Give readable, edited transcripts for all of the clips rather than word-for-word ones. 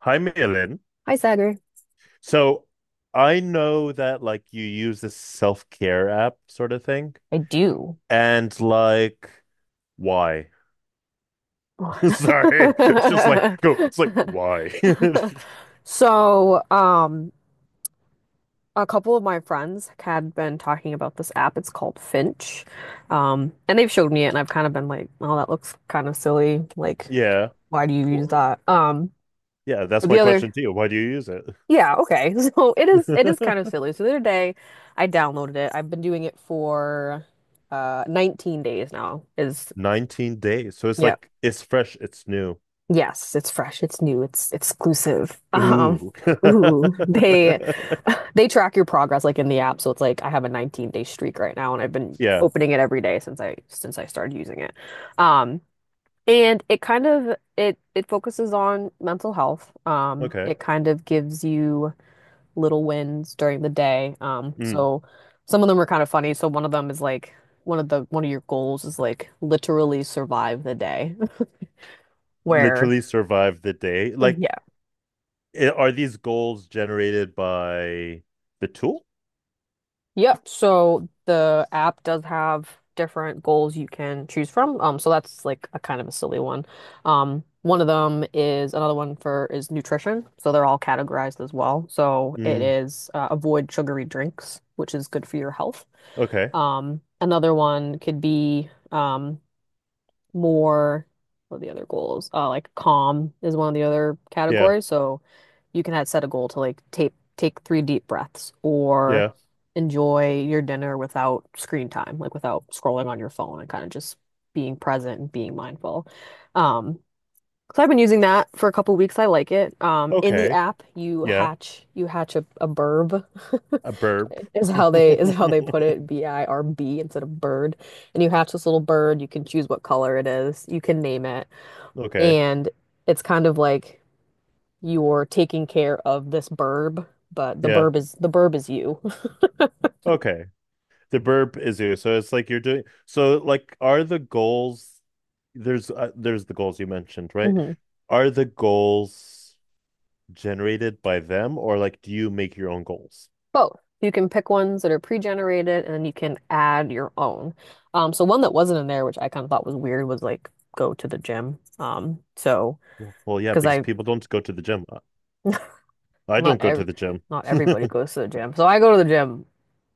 Hi, Malin. Hi, Sagar. So I know that like you use this self-care app sort of thing. I do. And like, why? Sorry. It's just like, go. It's like, why? So, um, a couple of my friends had been talking about this app. It's called Finch. And they've showed me it, and I've kind of been like, oh, that looks kind of silly. Like, Yeah. why do you use Well, that? Yeah, that's but the my other, question to you. Why do you use yeah, okay. So it is kind of it? silly. So the other day, I downloaded it. I've been doing it for 19 days now. Is 19 days. So it's yeah. like, it's fresh, it's new. Yes, it's fresh, it's new, it's exclusive. Ooh. They they track your progress like in the app, so it's like I have a 19-day streak right now, and I've been Yeah. opening it every day since I started using it. Um, and it focuses on mental health. Okay. It kind of gives you little wins during the day. Mm. So some of them are kind of funny. So one of them is like one of your goals is like literally survive the day, where. Literally survive the day. Like, Yeah. Are these goals generated by the tool? Yep. So the app does have different goals you can choose from. So that's like a kind of a silly one. One of them is another one for is nutrition. So they're all categorized as well. So it Mm, is avoid sugary drinks, which is good for your health. okay. Another one could be more What are the other goals? Like calm is one of the other Yeah. categories. So you can have set a goal to like take 3 deep breaths or Yeah. enjoy your dinner without screen time, like without scrolling on your phone and kind of just being present and being mindful. Um, so I've been using that for a couple weeks. I like it. In the Okay. app, you Yeah. hatch you hatch a burb A burp. is how they is how they put it. BIRB instead of bird. And you hatch this little bird. You can choose what color it is. You can name it. Okay. And it's kind of like you're taking care of this burb, but the Yeah. burb is the burb is you. Okay. The burp is you. So it's like you're doing so like are the goals there's the goals you mentioned, right? Are the goals generated by them or like do you make your own goals? Both. You can pick ones that are pre-generated and you can add your own. So one that wasn't in there, which I kind of thought was weird, was like go to the gym. So Well, yeah, because because I people don't go to the gym. I not don't go ev to the gym. not everybody goes to the gym. So I go to the gym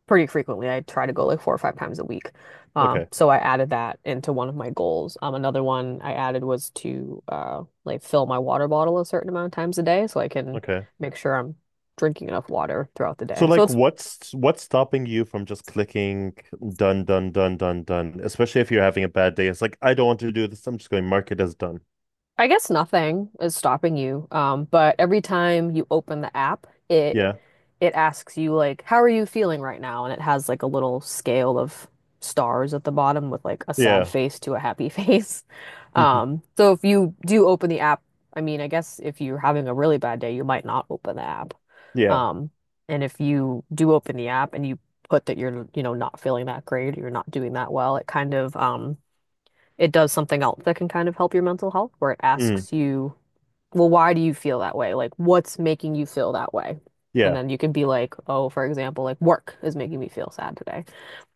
pretty frequently. I try to go like four or five times a week. Okay. So I added that into one of my goals. Another one I added was to like fill my water bottle a certain amount of times a day so I can Okay. make sure I'm drinking enough water throughout the So day. So like it's what's stopping you from just clicking done, done, done, done, done, especially if you're having a bad day. It's like, I don't want to do this. I'm just going to mark it as done. I guess nothing is stopping you. But every time you open the app, it Yeah. it asks you like, how are you feeling right now? And it has like a little scale of stars at the bottom with like a sad Yeah. face to a happy face. So if you do open the app, I mean, I guess if you're having a really bad day, you might not open the app. Yeah. Um, and if you do open the app and you put that you're, you know, not feeling that great, you're not doing that well, it kind of it does something else that can kind of help your mental health, where it Mm. asks you, well, why do you feel that way? Like, what's making you feel that way? And Yeah. then you can be like, oh, for example, like work is making me feel sad today.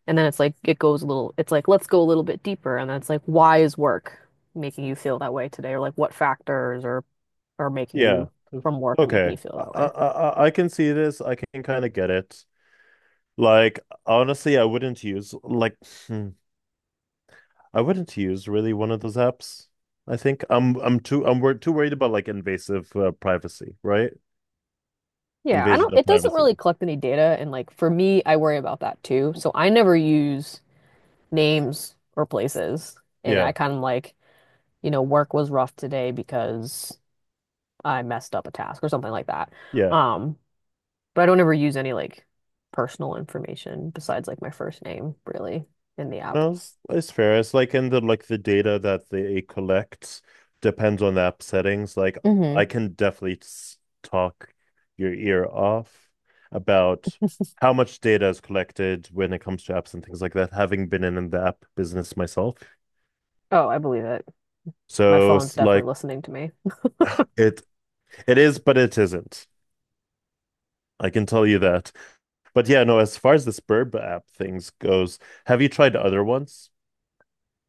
And then it's like, it's like, let's go a little bit deeper. And that's like, why is work making you feel that way today? Or like, what factors are making Yeah. you from work or making Okay. you feel I, that I way? I I can see this. I can kind of get it. Like honestly, I wouldn't use like hmm, I wouldn't use really one of those apps. I think I'm too I'm wor too worried about like invasive privacy, right? Yeah, I Invasion don't, of it doesn't privacy. really collect any data. And like, for me, I worry about that too. So I never use names or places. And I Yeah. kind of like, you know, work was rough today because I messed up a task or something like that. Yeah. Um, but I don't ever use any like personal information besides like my first name, really, in the app. No, it's fair. It's like in the like the data that they collect depends on the app settings. Like I Hmm can definitely talk your ear off about how much data is collected when it comes to apps and things like that, having been in the app business myself. Oh, I believe it. My So phone's it's definitely like listening to me. it it is, but it isn't. I can tell you that. But yeah, no, as far as the Spurb app things goes, have you tried other ones?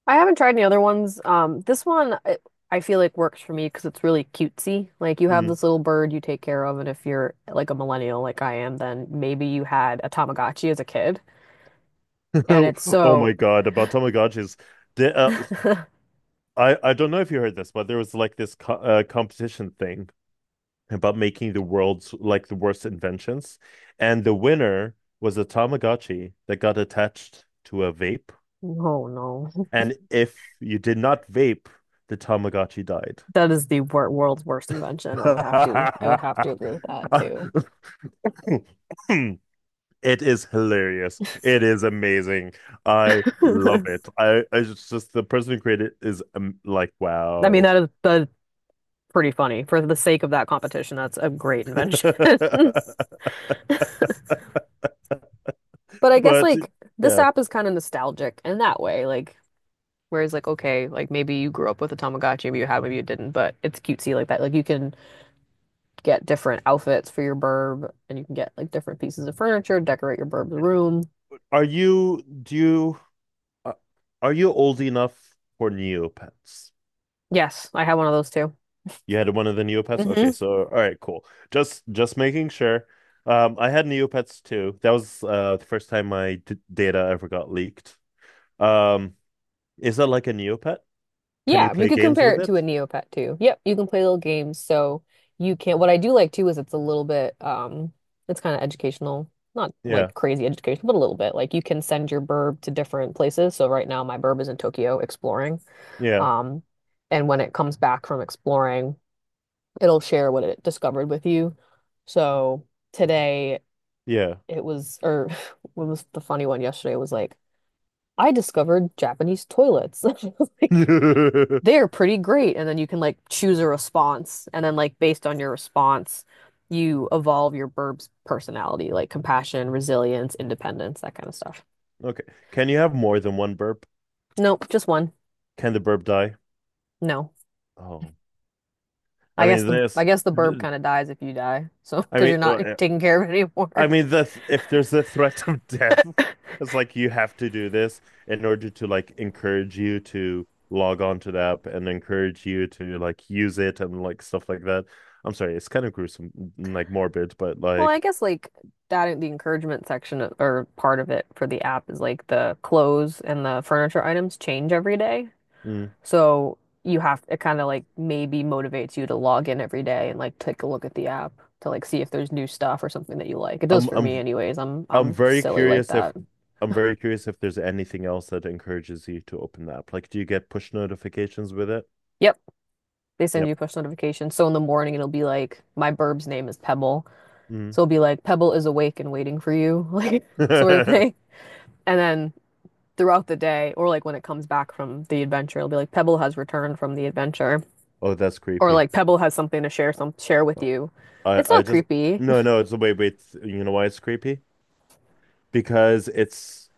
I haven't tried any other ones. I feel like works for me because it's really cutesy. Like you have Mm. this little bird you take care of, and if you're like a millennial like I am, then maybe you had a Tamagotchi as a kid, and it's Oh so. my God, about Tamagotchis. The, I don't know if you heard this, but there was like this co competition thing about making the world's like the worst inventions, and the winner was a Tamagotchi that got attached to a vape, Oh no. and if you did not vape, the Tamagotchi died. That is the world's worst invention. I would have to agree with that too. It is hilarious. It is amazing. I love it. I just, the person who created it is like I mean, wow. that is that's pretty funny. For the sake of that competition, that's a great invention. But I guess But like this yeah. app is kind of nostalgic in that way, like whereas like okay, like maybe you grew up with a Tamagotchi, maybe you had, maybe you didn't, but it's cutesy like that. Like you can get different outfits for your burb, and you can get like different pieces of furniture, decorate your burb's room. Are you do you uh, are you old enough for Neopets? Yes, I have one of those too. You had one of the Neopets? Okay, Hmm so all right, cool. Just making sure. I had Neopets too. That was the first time my d data ever got leaked. Um, is that like a Neopet? Can you Yeah, you play could games compare with it to a it? Neopet too. Yep, you can play little games, so you can. What I do like too is it's a little bit, it's kind of educational, not Yeah, like crazy educational, but a little bit. Like you can send your burb to different places. So right now my burb is in Tokyo exploring, yeah, um, and when it comes back from exploring, it'll share what it discovered with you. So today yeah. it was, or what was the funny one yesterday was like, I discovered Japanese toilets. I was like, they're pretty great. And then you can like choose a response. And then like based on your response, you evolve your Burb's personality, like compassion, resilience, independence, that kind of stuff. Okay. Can you have more than one burp? Nope, just one. Can the burp die? No. Oh, I mean I this. guess the Burb kind of dies if you die. So I because mean, you're not uh, taking care of it I anymore. mean, if there's the threat of death, it's like you have to do this in order to like encourage you to log on to the app and encourage you to like use it and like stuff like that. I'm sorry, it's kind of gruesome, like morbid, but Well, I like guess like that the encouragement section of- or part of it for the app is like the clothes and the furniture items change every day. mm, So you have it kind of like maybe motivates you to log in every day and like take a look at the app to like see if there's new stuff or something that you like. It does I'm for me I'm anyways. I'm I'm I'm very silly like curious if that. I'm very curious if there's anything else that encourages you to open the app. Like, do you get push notifications with it? Yep, they send Yep. you push notifications. So in the morning it'll be like my burb's name is Pebble. So it'll be like Pebble is awake and waiting for you, like sort of Mm. thing. And then throughout the day or like when it comes back from the adventure, it'll be like Pebble has returned from the adventure Oh, that's or creepy. like Pebble has something to share with you. I It's I not just creepy. No, no. It's, wait, wait. You know why it's creepy? Because it's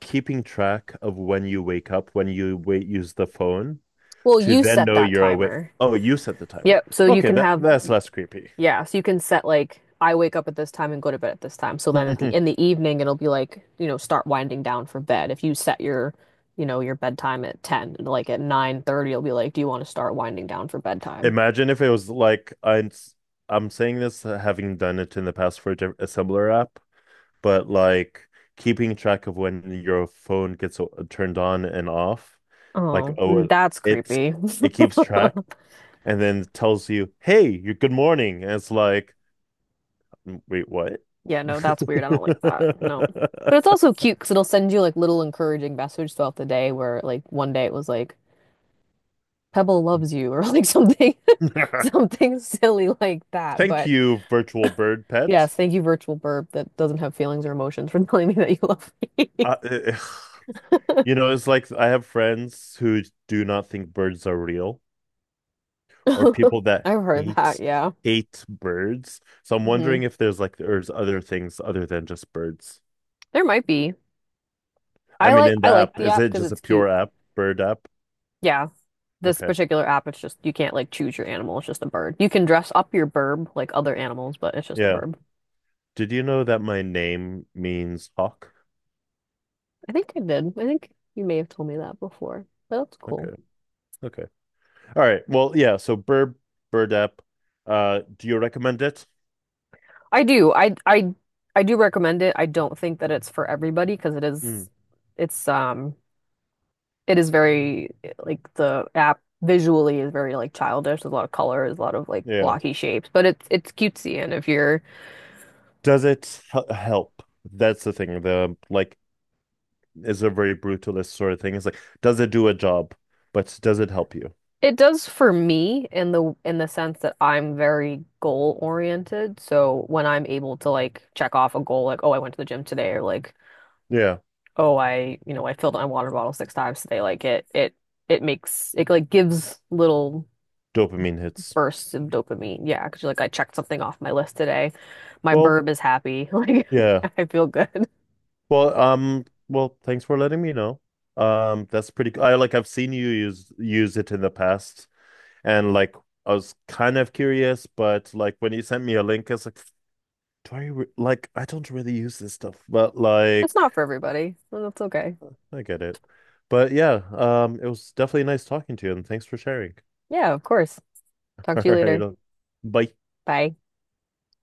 keeping track of when you wake up, when you wait, use the phone Well, to you then set know that you're awake. timer. Oh, you set the timer. Yep. Okay, that that's less creepy. Yeah, so you can set like I wake up at this time and go to bed at this time. So then at the in the evening it'll be like, you know, start winding down for bed. If you set your, you know, your bedtime at 10, like at 9:30 it'll be like, do you want to start winding down for bedtime? Imagine if it was like I'm saying this having done it in the past for a assembler app, but like keeping track of when your phone gets turned on and off, like Oh, oh that's it's creepy. it keeps track and then tells you, "Hey, you're good morning." And it's like, "Mm, wait, what?" Yeah, no, that's weird. I don't like that. No. But it's also cute because it'll send you like little encouraging messages throughout the day where like one day it was like Pebble loves you or like something something silly like that. Thank But you, virtual bird pet. yes, thank you, virtual burp that doesn't have feelings or emotions for telling me that you love me. Uh, you know, it's like I have friends who do not think birds are real, or people that I've heard that, hate yeah. hate birds. So I'm wondering hmm if there's like there's other things other than just birds. There might be. I mean, in the I like app, the is app it because just a it's pure cute. app, bird app? Yeah. This Okay. particular app, it's just you can't like choose your animal, it's just a bird. You can dress up your burb like other animals, but it's just a Yeah. burb. Did you know that my name means hawk? I think I did. I think you may have told me that before. But that's Okay. cool. Okay. All right. Well, yeah. So bird app. Do you recommend it? I do. I do recommend it. I don't think that it's for everybody because Hmm. It's um it is very like the app visually is very like childish. There's a lot of colors, a lot of like Yeah. blocky shapes, but it's cutesy. And if you're, Does it help? That's the thing. The like is a very brutalist sort of thing. It's like, does it do a job? But does it help you? it does for me in the sense that I'm very goal oriented. So when I'm able to like check off a goal, like oh I went to the gym today, or like Yeah. oh I you know I filled my water bottle 6 times today, like it makes it like gives little Dopamine hits. bursts of dopamine. Yeah, because you're like I checked something off my list today. My Well, burb is happy. yeah. Like I feel good. Well, well, thanks for letting me know. That's pretty cool. I like I've seen you use it in the past and like I was kind of curious, but like when you sent me a link, it's like, do I re like I don't really use this stuff, but It's like not for everybody. Well, that's okay. I get it. But yeah, it was definitely nice talking to you, and thanks for sharing. Yeah, of course. Talk All to you right, later. Bye. Bye.